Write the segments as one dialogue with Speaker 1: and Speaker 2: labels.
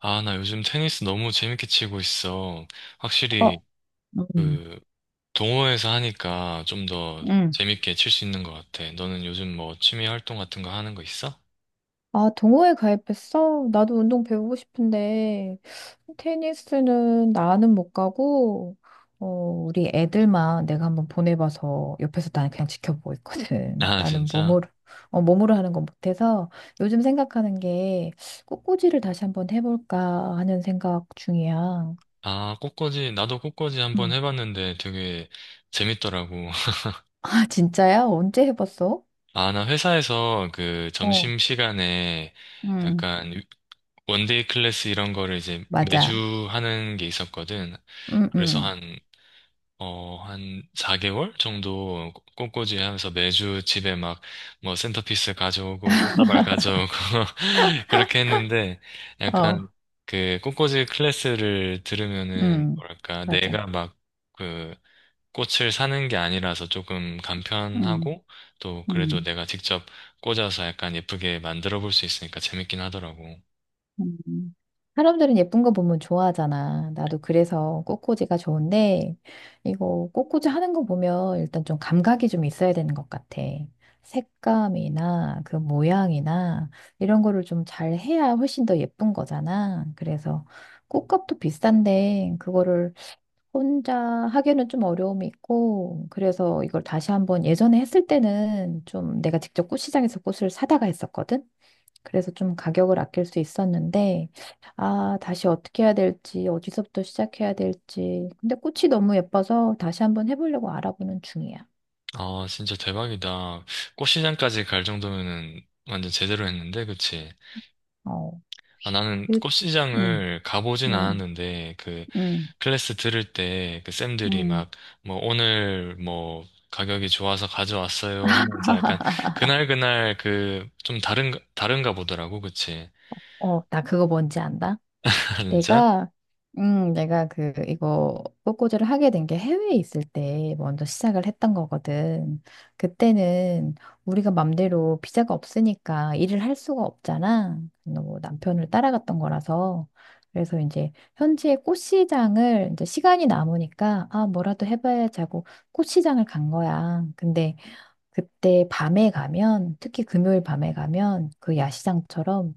Speaker 1: 아, 나 요즘 테니스 너무 재밌게 치고 있어.
Speaker 2: 어,
Speaker 1: 확실히
Speaker 2: 음,
Speaker 1: 그 동호회에서 하니까 좀 더
Speaker 2: 음.
Speaker 1: 재밌게 칠 수 있는 것 같아. 너는 요즘 뭐 취미 활동 같은 거 하는 거 있어?
Speaker 2: 아, 동호회 가입했어? 나도 운동 배우고 싶은데, 테니스는 나는 못 가고, 우리 애들만 내가 한번 보내봐서 옆에서 나는 그냥 지켜보고 있거든.
Speaker 1: 아,
Speaker 2: 나는
Speaker 1: 진짜?
Speaker 2: 몸으로, 몸으로 하는 건 못해서 요즘 생각하는 게 꽃꽂이를 다시 한번 해볼까 하는 생각 중이야.
Speaker 1: 아, 꽃꽂이, 나도 꽃꽂이 한번
Speaker 2: 음.
Speaker 1: 해봤는데 되게 재밌더라고.
Speaker 2: 아, 진짜야? 언제 해봤어?
Speaker 1: 아, 나 회사에서 그
Speaker 2: 어,
Speaker 1: 점심시간에
Speaker 2: 음,
Speaker 1: 약간 원데이 클래스 이런 거를 이제
Speaker 2: 맞아.
Speaker 1: 매주 하는 게 있었거든.
Speaker 2: 음,
Speaker 1: 그래서
Speaker 2: 음,
Speaker 1: 한 4개월 정도 꽃꽂이 하면서 매주 집에 막 뭐 센터피스 가져오고 꽃다발 가져오고 그렇게 했는데
Speaker 2: 어,
Speaker 1: 약간 그 꽃꽂이 클래스를 들으면은
Speaker 2: 음,
Speaker 1: 뭐랄까
Speaker 2: 맞아.
Speaker 1: 내가 막 그 꽃을 사는 게 아니라서 조금 간편하고 또 그래도
Speaker 2: 음,
Speaker 1: 내가 직접 꽂아서 약간 예쁘게 만들어 볼 수 있으니까 재밌긴 하더라고.
Speaker 2: 음. 사람들은 예쁜 거 보면 좋아하잖아. 나도 그래서 꽃꽂이가 좋은데, 이거 꽃꽂이 하는 거 보면 일단 좀 감각이 좀 있어야 되는 것 같아. 색감이나 그 모양이나 이런 거를 좀 잘 해야 훨씬 더 예쁜 거잖아. 그래서 꽃값도 비싼데, 그거를 혼자 하기에는 좀 어려움이 있고, 그래서 이걸 다시 한번 예전에 했을 때는 좀 내가 직접 꽃시장에서 꽃을 사다가 했었거든? 그래서 좀 가격을 아낄 수 있었는데, 아, 다시 어떻게 해야 될지, 어디서부터 시작해야 될지. 근데 꽃이 너무 예뻐서 다시 한번 해보려고 알아보는 중이야.
Speaker 1: 아, 진짜 대박이다. 꽃시장까지 갈 정도면은 완전 제대로 했는데, 그치?
Speaker 2: 어,
Speaker 1: 아, 나는
Speaker 2: 그, 음,
Speaker 1: 꽃시장을 가보진
Speaker 2: 음,
Speaker 1: 않았는데, 그,
Speaker 2: 음,
Speaker 1: 클래스 들을 때, 그 쌤들이
Speaker 2: 음.
Speaker 1: 막, 뭐, 오늘, 뭐, 가격이 좋아서 가져왔어요 하면서 약간, 그날그날 그, 좀 다른가 보더라고, 그치?
Speaker 2: 어, 나 그거 뭔지 안다?
Speaker 1: 진짜?
Speaker 2: 내가 내가 그 이거 꽃꽂이를 하게 된 게 해외에 있을 때 먼저 시작을 했던 거거든. 그때는 우리가 맘대로 비자가 없으니까 일을 할 수가 없잖아. 뭐 남편을 따라갔던 거라서 그래서 이제 현지의 꽃시장을 이제 시간이 남으니까 아 뭐라도 해봐야지 하고 꽃시장을 간 거야. 근데 그때 밤에 가면, 특히 금요일 밤에 가면 그 야시장처럼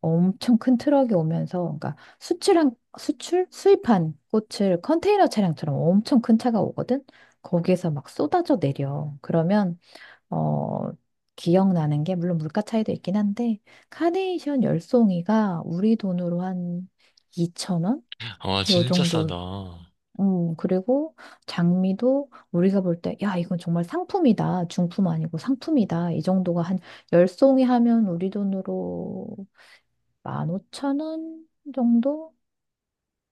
Speaker 2: 엄청 큰 트럭이 오면서, 그러니까 수출한, 수출? 수입한 꽃을 컨테이너 차량처럼 엄청 큰 차가 오거든? 거기에서 막 쏟아져 내려. 그러면, 어, 기억나는 게, 물론 물가 차이도 있긴 한데, 카네이션 열송이가 우리 돈으로 한2천원
Speaker 1: 와,
Speaker 2: 요
Speaker 1: 진짜
Speaker 2: 정도
Speaker 1: 싸다.
Speaker 2: 그리고 장미도 우리가 볼 때, 야, 이건 정말 상품이다. 중품 아니고 상품이다. 이 정도가 한 10송이 하면 우리 돈으로 15,000원 정도?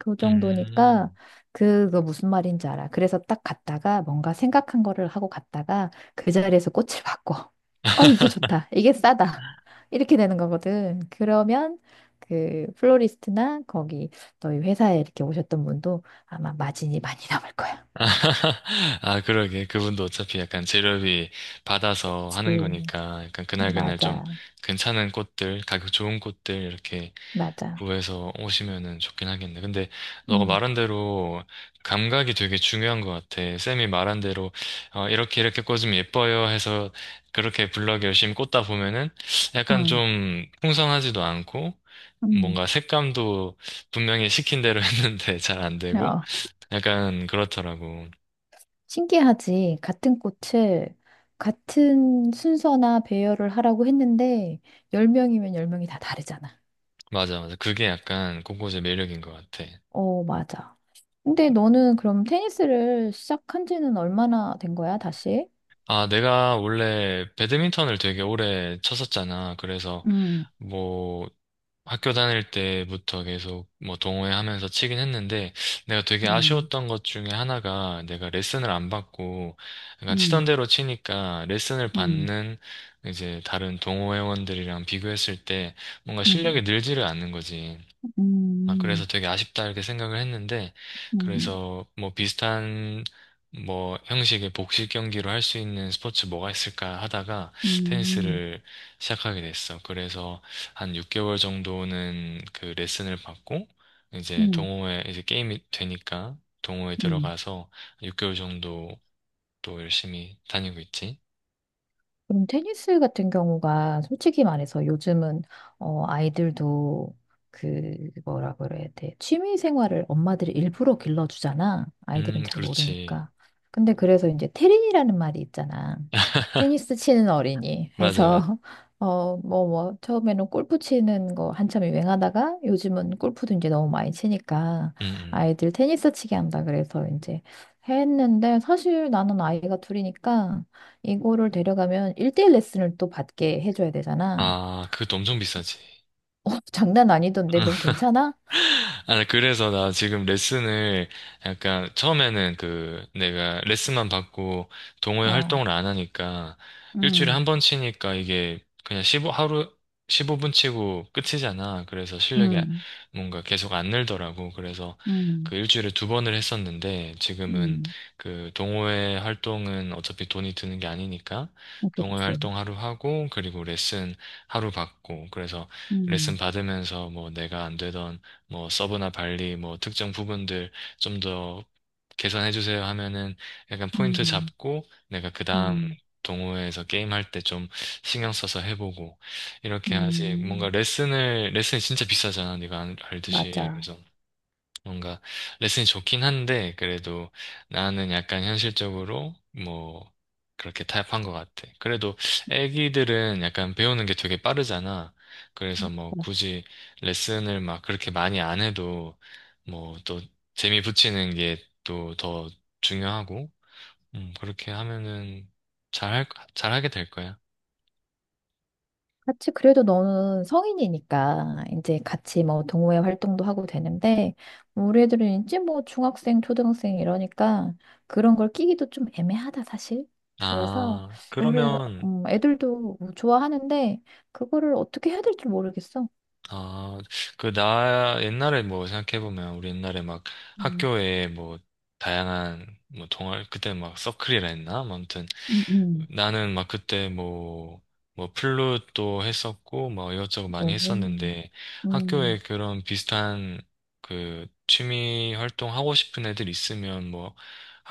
Speaker 2: 그 정도니까
Speaker 1: 음.
Speaker 2: 그거 무슨 말인지 알아. 그래서 딱 갔다가 뭔가 생각한 거를 하고 갔다가 그 자리에서 꽃을 바꿔. 어, 이게 좋다. 이게 싸다. 이렇게 되는 거거든. 그러면 그 플로리스트나 거기 너희 회사에 이렇게 오셨던 분도 아마 마진이 많이 남을 거야.
Speaker 1: 아, 그러게. 그분도 어차피 약간 재료비 받아서 하는
Speaker 2: 그치.
Speaker 1: 거니까, 약간 그날그날 좀
Speaker 2: 맞아.
Speaker 1: 괜찮은 꽃들, 가격 좋은 꽃들, 이렇게
Speaker 2: 맞아.
Speaker 1: 구해서 오시면은 좋긴 하겠네. 근데 너가
Speaker 2: 음,
Speaker 1: 말한 대로 감각이 되게 중요한 것 같아. 쌤이 말한 대로 이렇게 이렇게 꽂으면 예뻐요 해서 그렇게 블럭 열심히 꽂다 보면은 약간
Speaker 2: 음,
Speaker 1: 좀 풍성하지도 않고
Speaker 2: 음.
Speaker 1: 뭔가 색감도 분명히 시킨 대로 했는데 잘 안 되고
Speaker 2: 어,
Speaker 1: 약간 그렇더라고.
Speaker 2: 신기하지. 같은 꽃을 같은 순서나 배열을 하라고 했는데, 10명이면 10명이 다 다르잖아.
Speaker 1: 맞아, 맞아. 그게 약간 꽃꽂이의 매력인 것 같아.
Speaker 2: 어, 맞아. 근데 너는 그럼 테니스를 시작한 지는 얼마나 된 거야, 다시?
Speaker 1: 아, 내가 원래 배드민턴을 되게 오래 쳤었잖아. 그래서
Speaker 2: 음,
Speaker 1: 뭐 학교 다닐 때부터 계속 뭐 동호회하면서 치긴 했는데 내가 되게
Speaker 2: 음,
Speaker 1: 아쉬웠던 것 중에 하나가 내가 레슨을 안 받고 약간 치던
Speaker 2: 음,
Speaker 1: 대로 치니까 레슨을
Speaker 2: 음,
Speaker 1: 받는 이제 다른 동호회원들이랑 비교했을 때 뭔가
Speaker 2: 음,
Speaker 1: 실력이 늘지를 않는 거지. 아, 그래서
Speaker 2: 음,
Speaker 1: 되게 아쉽다 이렇게 생각을 했는데,
Speaker 2: 음,
Speaker 1: 그래서 뭐 비슷한 뭐 형식의 복식 경기로 할 수 있는 스포츠 뭐가 있을까 하다가
Speaker 2: 음,
Speaker 1: 테니스를 시작하게 됐어. 그래서 한 6개월 정도는 그 레슨을 받고,
Speaker 2: 음,
Speaker 1: 이제
Speaker 2: 음.
Speaker 1: 동호회, 이제 게임이 되니까 동호회
Speaker 2: 음.
Speaker 1: 들어가서 6개월 정도 또 열심히 다니고 있지.
Speaker 2: 그럼 테니스 같은 경우가 솔직히 말해서 요즘은 어, 아이들도 그 뭐라 그래야 돼. 취미 생활을 엄마들이 일부러 길러주잖아. 아이들은 잘
Speaker 1: 그렇지.
Speaker 2: 모르니까. 근데 그래서 이제 테린이라는 말이 있잖아. 테니스 치는 어린이
Speaker 1: 맞아,
Speaker 2: 해서
Speaker 1: 맞아.
Speaker 2: 뭐, 뭐, 처음에는 골프 치는 거 한참 유행하다가 요즘은 골프도 이제 너무 많이 치니까
Speaker 1: 음, 음.
Speaker 2: 아이들 테니스 치게 한다 그래서 이제 했는데 사실 나는 아이가 둘이니까 이거를 데려가면 1대1 레슨을 또 받게 해줘야 되잖아.
Speaker 1: 아, 그것도 엄청 비싸지.
Speaker 2: 어, 장난 아니던데, 넌 괜찮아?
Speaker 1: 아, 그래서 나 지금 레슨을 약간 처음에는 그 내가 레슨만 받고 동호회
Speaker 2: 어,
Speaker 1: 활동을 안 하니까 일주일에 한
Speaker 2: 음,
Speaker 1: 번 치니까 이게 그냥 15, 하루 15분 치고 끝이잖아. 그래서 실력이
Speaker 2: 음,
Speaker 1: 뭔가 계속 안 늘더라고. 그래서
Speaker 2: 음,
Speaker 1: 그 일주일에 두 번을 했었는데 지금은
Speaker 2: 음,
Speaker 1: 그 동호회 활동은 어차피 돈이 드는 게 아니니까
Speaker 2: 어,
Speaker 1: 동호회
Speaker 2: 그치.
Speaker 1: 활동 하루 하고 그리고 레슨 하루 받고 그래서 레슨
Speaker 2: 음,
Speaker 1: 받으면서 뭐 내가 안 되던 뭐 서브나 발리 뭐 특정 부분들 좀 더 개선해 주세요 하면은 약간 포인트
Speaker 2: 음,
Speaker 1: 잡고 내가 그 다음
Speaker 2: 음,
Speaker 1: 동호회에서 게임할 때 좀 신경 써서 해보고 이렇게 하지. 뭔가
Speaker 2: 음,
Speaker 1: 레슨을 레슨이 진짜 비싸잖아, 네가 알듯이.
Speaker 2: 맞아.
Speaker 1: 그래서 뭔가 레슨이 좋긴 한데 그래도 나는 약간 현실적으로 뭐 그렇게 타협한 것 같아. 그래도 애기들은 약간 배우는 게 되게 빠르잖아. 그래서 뭐 굳이 레슨을 막 그렇게 많이 안 해도 뭐 또 재미 붙이는 게 또 더 중요하고 그렇게 하면은 잘 할, 잘하게 될 거야.
Speaker 2: 같이 그래도 너는 성인이니까 이제 같이 뭐 동호회 활동도 하고 되는데 뭐 우리 애들은 이제 뭐 중학생, 초등학생 이러니까 그런 걸 끼기도 좀 애매하다 사실. 그래서
Speaker 1: 아,
Speaker 2: 우리
Speaker 1: 그러면
Speaker 2: 애들도 뭐 좋아하는데 그거를 어떻게 해야 될지 모르겠어.
Speaker 1: 아, 나, 옛날에 뭐 생각해보면, 우리 옛날에 막
Speaker 2: 음.
Speaker 1: 학교에 뭐, 다양한, 뭐, 동아리, 그때 막 서클이라 했나? 뭐 아무튼,
Speaker 2: 음, 음.
Speaker 1: 나는 막 그때 뭐, 플룻도 했었고, 뭐, 이것저것
Speaker 2: 오,
Speaker 1: 많이 했었는데,
Speaker 2: 음,
Speaker 1: 학교에 그런 비슷한 그 취미 활동 하고 싶은 애들 있으면 뭐,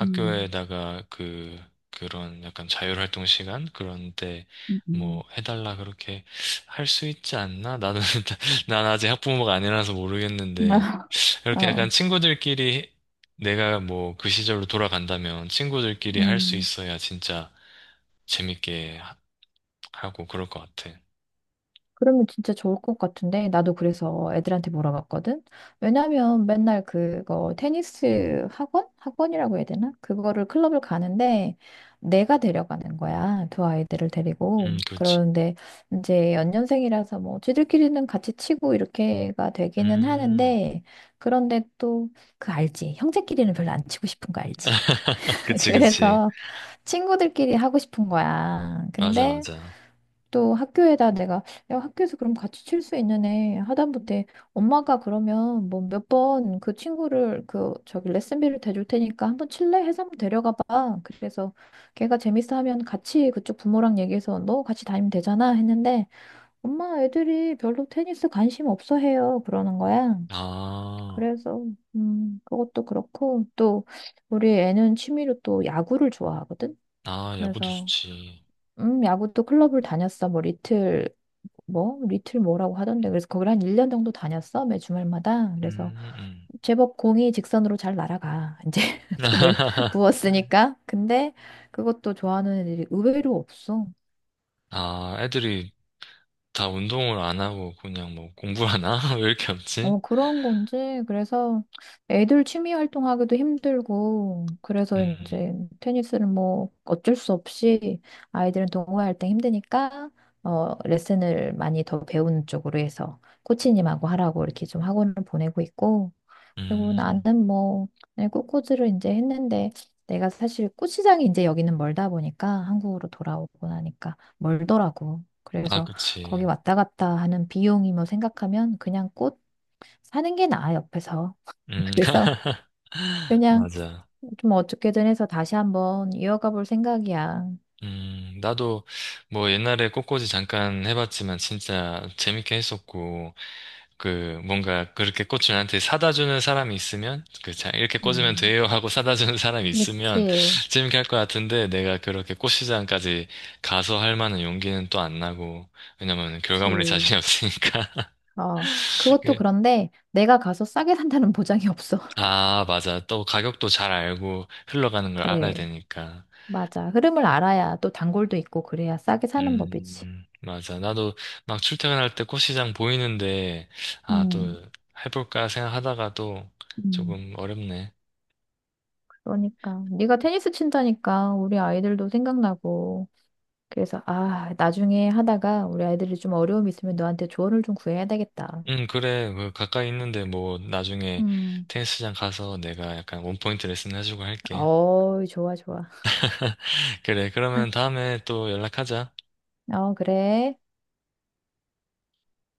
Speaker 2: 음,
Speaker 1: 그런 약간 자율활동 시간? 그런 데 뭐,
Speaker 2: 음.
Speaker 1: 해달라 그렇게 할 수 있지 않나? 나는, 난 아직 학부모가 아니라서 모르겠는데, 이렇게 약간
Speaker 2: 어.
Speaker 1: 친구들끼리 내가 뭐 그 시절로 돌아간다면 친구들끼리 할 수
Speaker 2: 음.
Speaker 1: 있어야 진짜 재밌게 하고 그럴 것 같아.
Speaker 2: 그러면 진짜 좋을 것 같은데 나도 그래서 애들한테 물어봤거든. 왜냐면 맨날 그거 테니스 학원? 학원이라고 해야 되나? 그거를 클럽을 가는데 내가 데려가는 거야. 두 아이들을 데리고.
Speaker 1: 그렇지.
Speaker 2: 그러는데 이제 연년생이라서 뭐 쟤들끼리는 같이 치고 이렇게가 되기는
Speaker 1: 음,
Speaker 2: 하는데 그런데 또 그 알지. 형제끼리는 별로 안 치고 싶은 거 알지.
Speaker 1: 그치, 그치.
Speaker 2: 그래서 친구들끼리 하고 싶은 거야.
Speaker 1: 맞아,
Speaker 2: 근데
Speaker 1: 맞아.
Speaker 2: 또 학교에다 내가 야, 학교에서 그럼 같이 칠 수 있는 애 하다못해 엄마가 그러면 뭐 몇 번 그 친구를 그 저기 레슨비를 대줄 테니까 한번 칠래 해서 한번 데려가 봐. 그래서 걔가 재밌어 하면 같이 그쪽 부모랑 얘기해서 너 같이 다니면 되잖아 했는데 엄마 애들이 별로 테니스 관심 없어 해요. 그러는 거야.
Speaker 1: 아,
Speaker 2: 그래서 그것도 그렇고 또 우리 애는 취미로 또 야구를 좋아하거든.
Speaker 1: 아, 야구도
Speaker 2: 그래서
Speaker 1: 좋지.
Speaker 2: 야구도 클럽을 다녔어. 뭐 리틀 뭐 리틀 뭐라고 하던데. 그래서 거기를 한 1년 정도 다녔어. 매 주말마다. 그래서
Speaker 1: 음, 음.
Speaker 2: 제법 공이 직선으로 잘 날아가. 이제 돈을 부었으니까. 근데 그것도 좋아하는 애들이 의외로 없어.
Speaker 1: 아, 애들이 다 운동을 안 하고 그냥 뭐 공부하나? 왜 이렇게 없지?
Speaker 2: 어, 그런 건지, 그래서 애들 취미 활동하기도 힘들고, 그래서
Speaker 1: 음,
Speaker 2: 이제 테니스를 뭐 어쩔 수 없이 아이들은 동호회할 때 힘드니까, 레슨을 많이 더 배우는 쪽으로 해서 코치님하고 하라고 이렇게 좀 학원을 보내고 있고, 그리고
Speaker 1: 음.
Speaker 2: 나는 뭐, 그냥 꽃꽂이를 이제 했는데, 내가 사실 꽃시장이 이제 여기는 멀다 보니까, 한국으로 돌아오고 나니까 멀더라고.
Speaker 1: 아,
Speaker 2: 그래서 거기
Speaker 1: 그치.
Speaker 2: 왔다 갔다 하는 비용이 뭐 생각하면 그냥 꽃 사는 게 나아, 옆에서.
Speaker 1: 음,
Speaker 2: 그래서 그냥
Speaker 1: 맞아.
Speaker 2: 좀 어떻게든 해서 다시 한번 이어가 볼 생각이야.
Speaker 1: 나도 뭐 옛날에 꽃꽂이 잠깐 해봤지만 진짜 재밌게 했었고, 그 뭔가 그렇게 꽃을 나한테 사다 주는 사람이 있으면, 그 자, 이렇게 꽂으면
Speaker 2: 음.
Speaker 1: 돼요 하고 사다 주는 사람이 있으면
Speaker 2: 그치,
Speaker 1: 재밌게 할 것 같은데 내가 그렇게 꽃시장까지 가서 할 만한 용기는 또 안 나고, 왜냐면 결과물에
Speaker 2: 그치.
Speaker 1: 자신이 없으니까.
Speaker 2: 어, 그것도
Speaker 1: 그-
Speaker 2: 그런데 내가 가서 싸게 산다는 보장이 없어.
Speaker 1: 아, 맞아. 또 가격도 잘 알고 흘러가는 걸 알아야
Speaker 2: 그래,
Speaker 1: 되니까.
Speaker 2: 맞아. 흐름을 알아야 또 단골도 있고 그래야 싸게 사는 법이지.
Speaker 1: 맞아. 나도 막 출퇴근할 때 꽃시장 보이는데, 아, 또
Speaker 2: 음.
Speaker 1: 해볼까 생각하다가도
Speaker 2: 음.
Speaker 1: 조금 어렵네.
Speaker 2: 그러니까 네가 테니스 친다니까 우리 아이들도 생각나고 그래서 아 나중에 하다가 우리 아이들이 좀 어려움이 있으면 너한테 조언을 좀 구해야 되겠다.
Speaker 1: 응 그래. 그 가까이 있는데 뭐 나중에
Speaker 2: 음.
Speaker 1: 테니스장 가서 내가 약간 원포인트 레슨 해주고 할게.
Speaker 2: 어, 좋아, 좋아.
Speaker 1: 그래. 그러면 다음에 또 연락하자.
Speaker 2: 어, 그래.